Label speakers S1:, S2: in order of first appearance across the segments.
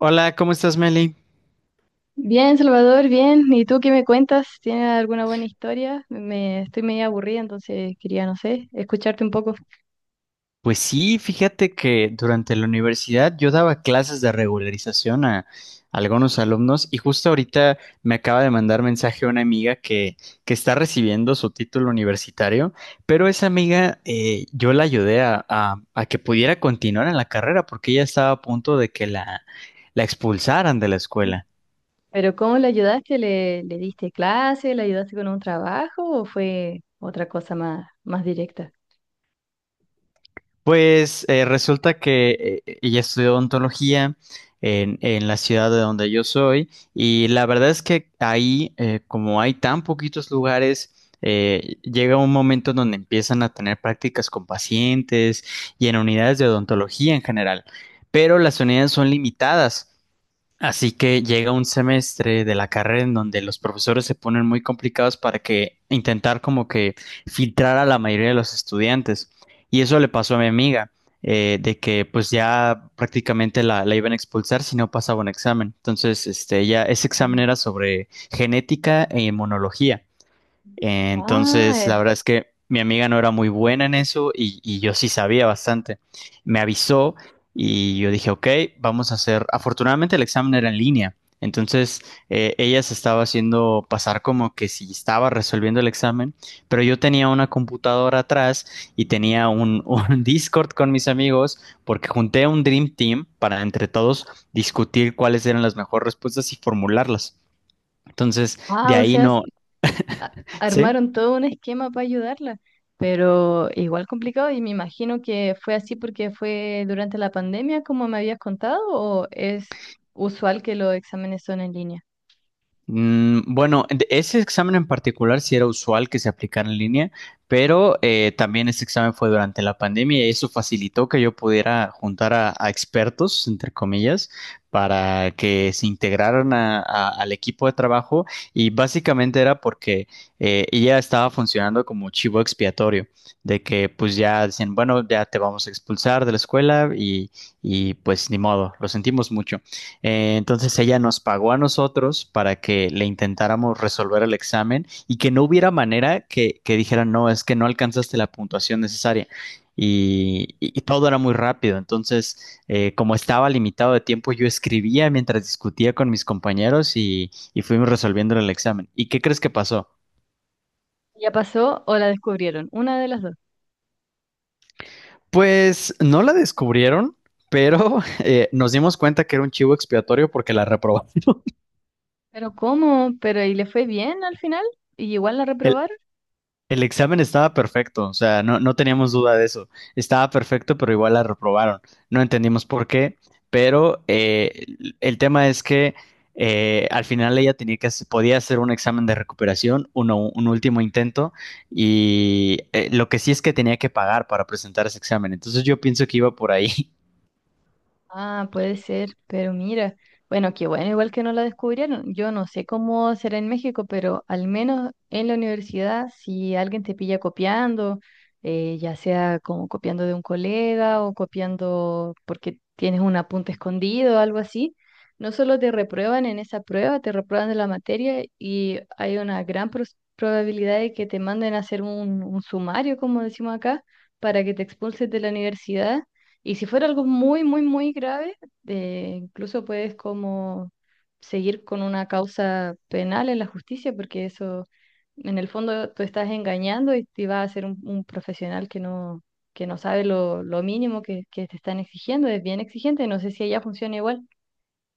S1: Hola, ¿cómo estás, Meli?
S2: Bien, Salvador, bien. ¿Y tú qué me cuentas? ¿Tienes alguna buena historia? Me estoy medio aburrida, entonces quería, no sé, escucharte un poco.
S1: Pues sí, fíjate que durante la universidad yo daba clases de regularización a algunos alumnos y justo ahorita me acaba de mandar mensaje una amiga que está recibiendo su título universitario, pero esa amiga yo la ayudé a que pudiera continuar en la carrera porque ella estaba a punto de que la expulsaran de la escuela.
S2: Pero ¿cómo le ayudaste? ¿¿Le diste clase? ¿Le ayudaste con un trabajo? ¿O fue otra cosa más directa?
S1: Pues resulta que ella estudió odontología en la ciudad de donde yo soy y la verdad es que ahí, como hay tan poquitos lugares, llega un momento en donde empiezan a tener prácticas con pacientes y en unidades de odontología en general, pero las unidades son limitadas. Así que llega un semestre de la carrera en donde los profesores se ponen muy complicados para que intentar como que filtrar a la mayoría de los estudiantes. Y eso le pasó a mi amiga, de que pues ya prácticamente la iban a expulsar si no pasaba un examen. Entonces, este, ella, ese examen
S2: Mm.
S1: era sobre genética e inmunología.
S2: Ah,
S1: Entonces, la verdad es que mi amiga no era muy buena en eso y yo sí sabía bastante. Me avisó y yo dije, ok, vamos a hacer. Afortunadamente el examen era en línea. Entonces, ella se estaba haciendo pasar como que si estaba resolviendo el examen, pero yo tenía una computadora atrás y tenía un, un Discord con mis amigos porque junté un Dream Team para entre todos discutir cuáles eran las mejores respuestas y formularlas. Entonces, de
S2: ah, o
S1: ahí
S2: sea,
S1: no, ¿sí?
S2: armaron todo un esquema para ayudarla, pero igual complicado y me imagino que fue así porque fue durante la pandemia, como me habías contado, ¿o es usual que los exámenes son en línea?
S1: Bueno, ese examen en particular sí era usual que se aplicara en línea, pero también ese examen fue durante la pandemia y eso facilitó que yo pudiera juntar a expertos, entre comillas, para que se integraran al equipo de trabajo y básicamente era porque ella estaba funcionando como chivo expiatorio, de que pues ya decían, bueno, ya te vamos a expulsar de la escuela y pues ni modo, lo sentimos mucho. Entonces ella nos pagó a nosotros para que le intentáramos resolver el examen y que no hubiera manera que dijeran, no, es que no alcanzaste la puntuación necesaria. Y todo era muy rápido. Entonces, como estaba limitado de tiempo, yo escribía mientras discutía con mis compañeros y fuimos resolviendo el examen. ¿Y qué crees que pasó?
S2: Ya pasó o la descubrieron, una de las dos.
S1: Pues no la descubrieron, pero nos dimos cuenta que era un chivo expiatorio porque la reprobó.
S2: Pero ¿cómo? Pero ¿y le fue bien al final? ¿Y igual la reprobaron?
S1: El examen estaba perfecto, o sea, no teníamos duda de eso. Estaba perfecto, pero igual la reprobaron. No entendimos por qué, pero el tema es que al final ella podía hacer un examen de recuperación, uno, un último intento, y lo que sí es que tenía que pagar para presentar ese examen. Entonces yo pienso que iba por ahí.
S2: Ah, puede ser, pero mira, bueno, qué bueno, igual que no la descubrieron. Yo no sé cómo será en México, pero al menos en la universidad, si alguien te pilla copiando, ya sea como copiando de un colega o copiando porque tienes un apunte escondido o algo así, no solo te reprueban en esa prueba, te reprueban de la materia y hay una gran probabilidad de que te manden a hacer un sumario, como decimos acá, para que te expulses de la universidad y si fuera algo muy, muy, muy grave, incluso puedes como seguir con una causa penal en la justicia, porque eso, en el fondo, tú estás engañando y te va a ser un profesional que no sabe lo mínimo que te están exigiendo, es bien exigente, no sé si allá funciona igual.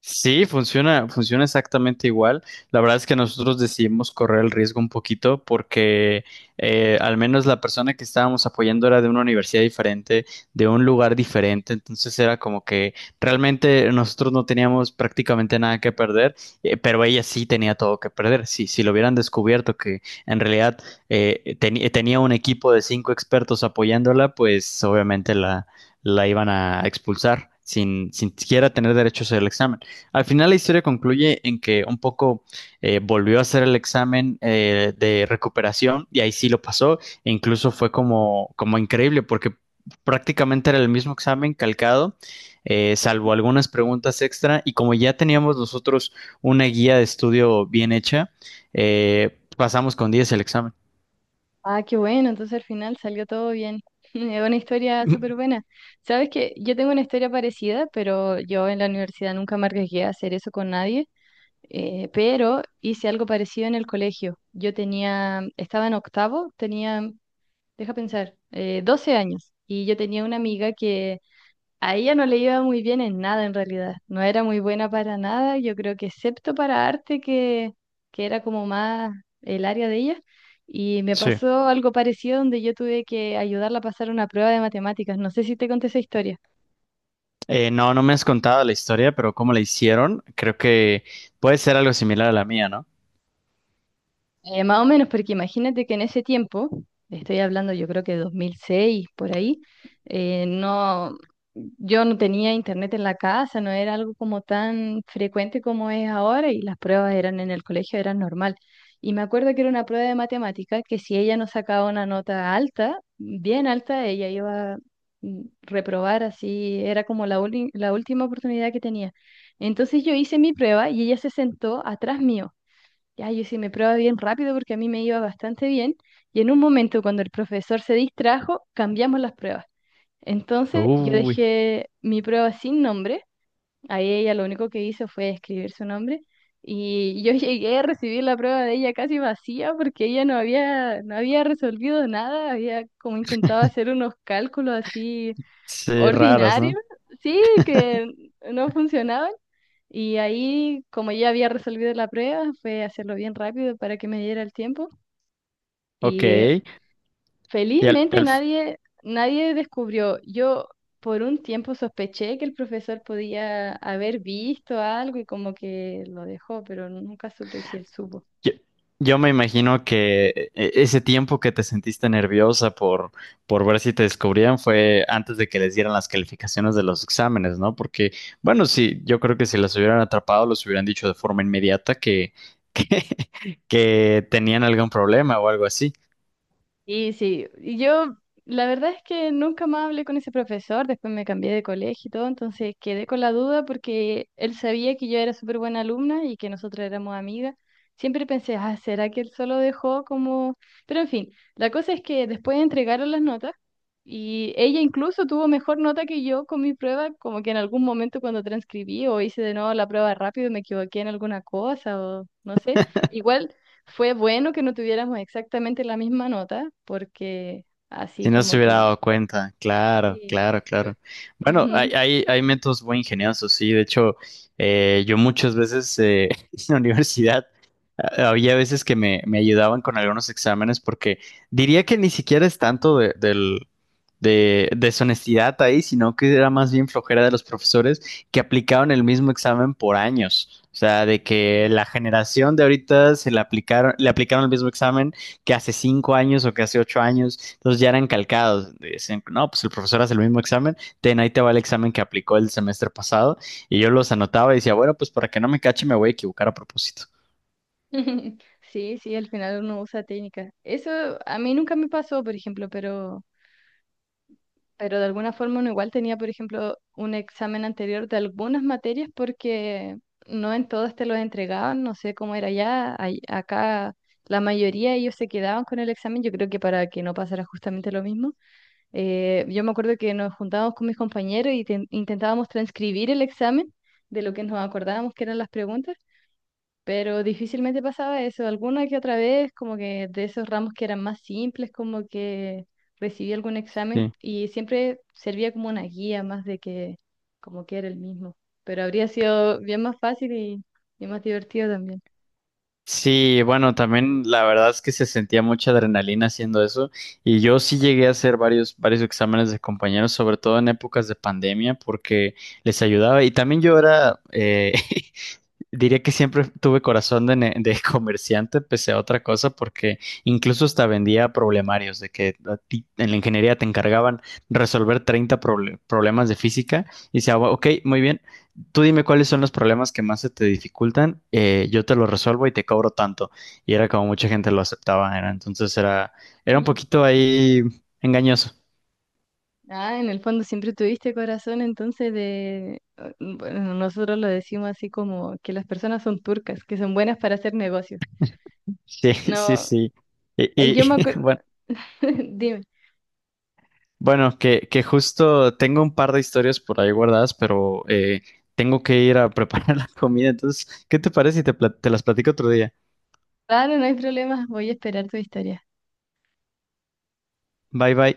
S1: Sí, funciona, funciona exactamente igual. La verdad es que nosotros decidimos correr el riesgo un poquito porque al menos la persona que estábamos apoyando era de una universidad diferente, de un lugar diferente, entonces era como que realmente nosotros no teníamos prácticamente nada que perder, pero ella sí tenía todo que perder. Sí, si lo hubieran descubierto que en realidad tenía un equipo de cinco expertos apoyándola, pues obviamente la iban a expulsar sin siquiera tener derechos al examen. Al final la historia concluye en que un poco volvió a hacer el examen de recuperación y ahí sí lo pasó e incluso fue como increíble porque prácticamente era el mismo examen calcado, salvo algunas preguntas extra y como ya teníamos nosotros una guía de estudio bien hecha, pasamos con 10 el examen.
S2: Ah, qué bueno, entonces al final salió todo bien. Es una historia súper buena. Sabes que yo tengo una historia parecida, pero yo en la universidad nunca me arriesgué a hacer eso con nadie. Pero hice algo parecido en el colegio. Yo tenía, estaba en octavo, tenía, deja pensar, 12 años. Y yo tenía una amiga que a ella no le iba muy bien en nada en realidad. No era muy buena para nada, yo creo que excepto para arte, que era como más el área de ella. Y me
S1: Sí.
S2: pasó algo parecido donde yo tuve que ayudarla a pasar una prueba de matemáticas. No sé si te conté esa historia.
S1: No, no me has contado la historia, pero cómo la hicieron, creo que puede ser algo similar a la mía, ¿no?
S2: Más o menos, porque imagínate que en ese tiempo, estoy hablando yo creo que 2006, por ahí, eh, no, yo no tenía internet en la casa, no era algo como tan frecuente como es ahora y las pruebas eran en el colegio, eran normal. Y me acuerdo que era una prueba de matemática que si ella no sacaba una nota alta, bien alta, ella iba a reprobar así, era como la última oportunidad que tenía. Entonces yo hice mi prueba y ella se sentó atrás mío. Ya, yo sí me probaba bien rápido porque a mí me iba bastante bien. Y en un momento, cuando el profesor se distrajo, cambiamos las pruebas. Entonces, yo
S1: Uy,
S2: dejé mi prueba sin nombre. Ahí ella lo único que hizo fue escribir su nombre. Y yo llegué a recibir la prueba de ella casi vacía porque ella no había resolvido nada. Había como intentado hacer unos cálculos así
S1: sí, raras, ¿no?
S2: ordinarios. Sí, que no funcionaban. Y ahí, como ya había resolvido la prueba, fue hacerlo bien rápido para que me diera el tiempo.
S1: Ok,
S2: Y
S1: y al-
S2: felizmente
S1: al-
S2: nadie descubrió. Yo por un tiempo sospeché que el profesor podía haber visto algo y como que lo dejó, pero nunca supe si él supo.
S1: yo, yo me imagino que ese tiempo que te sentiste nerviosa por ver si te descubrían fue antes de que les dieran las calificaciones de los exámenes, ¿no? Porque, bueno, sí, yo creo que si los hubieran atrapado, los hubieran dicho de forma inmediata que, que tenían algún problema o algo así.
S2: Y sí, y yo la verdad es que nunca más hablé con ese profesor, después me cambié de colegio y todo, entonces quedé con la duda porque él sabía que yo era súper buena alumna y que nosotros éramos amigas. Siempre pensé, ah, ¿será que él solo dejó como...? Pero en fin, la cosa es que después entregaron las notas y ella incluso tuvo mejor nota que yo con mi prueba, como que en algún momento cuando transcribí o hice de nuevo la prueba rápido me equivoqué en alguna cosa o no sé. Igual... Fue bueno que no tuviéramos exactamente la misma nota, porque así
S1: Si no se
S2: como
S1: hubiera
S2: que...
S1: dado cuenta, claro,
S2: Sí.
S1: claro,
S2: Eh,
S1: claro. Bueno, hay,
S2: Ujú.
S1: hay, hay métodos muy ingeniosos, sí. De hecho, yo muchas veces en la universidad había veces que me ayudaban con algunos exámenes porque diría que ni siquiera es tanto de deshonestidad ahí, sino que era más bien flojera de los profesores que aplicaban el mismo examen por años. O sea, de que
S2: Mm.
S1: la generación de ahorita se le aplicaron el mismo examen que hace 5 años o que hace 8 años, entonces ya eran calcados. Dicen, no, pues el profesor hace el mismo examen, ten, ahí te va el examen que aplicó el semestre pasado, y yo los anotaba y decía, bueno, pues para que no me cache, me voy a equivocar a propósito.
S2: Sí, sí, al final uno usa técnicas. Eso a mí nunca me pasó, por ejemplo, pero de alguna forma uno igual tenía, por ejemplo, un examen anterior de algunas materias porque no en todas te los entregaban, no sé cómo era allá, acá la mayoría ellos se quedaban con el examen, yo creo que para que no pasara justamente lo mismo. Yo me acuerdo que nos juntábamos con mis compañeros y intentábamos transcribir el examen de lo que nos acordábamos que eran las preguntas, pero difícilmente pasaba eso. Alguna que otra vez, como que de esos ramos que eran más simples, como que recibí algún examen
S1: Sí.
S2: y siempre servía como una guía más de que como que era el mismo. Pero habría sido bien más fácil y más divertido también.
S1: Sí, bueno, también la verdad es que se sentía mucha adrenalina haciendo eso y yo sí llegué a hacer varios, varios exámenes de compañeros, sobre todo en épocas de pandemia, porque les ayudaba y también yo era diría que siempre tuve corazón de comerciante, pese a otra cosa, porque incluso hasta vendía problemarios, de que a ti en la ingeniería te encargaban resolver 30 problemas de física y decía, "Bueno, ok, muy bien, tú dime cuáles son los problemas que más se te dificultan, yo te los resuelvo y te cobro tanto. Y era como mucha gente lo aceptaba, era un poquito ahí engañoso.
S2: Ah, en el fondo siempre tuviste corazón, entonces de... ah, bueno, nosotros lo decimos así como que las personas son turcas, que son buenas para hacer negocios.
S1: Sí, sí,
S2: No,
S1: sí. Y,
S2: yo
S1: y,
S2: me acuerdo...
S1: bueno.
S2: Dime.
S1: Bueno, que justo tengo un par de historias por ahí guardadas, pero tengo que ir a preparar la comida. Entonces, ¿qué te parece si te las platico otro día?
S2: Claro, no hay problema, voy a esperar tu historia.
S1: Bye bye.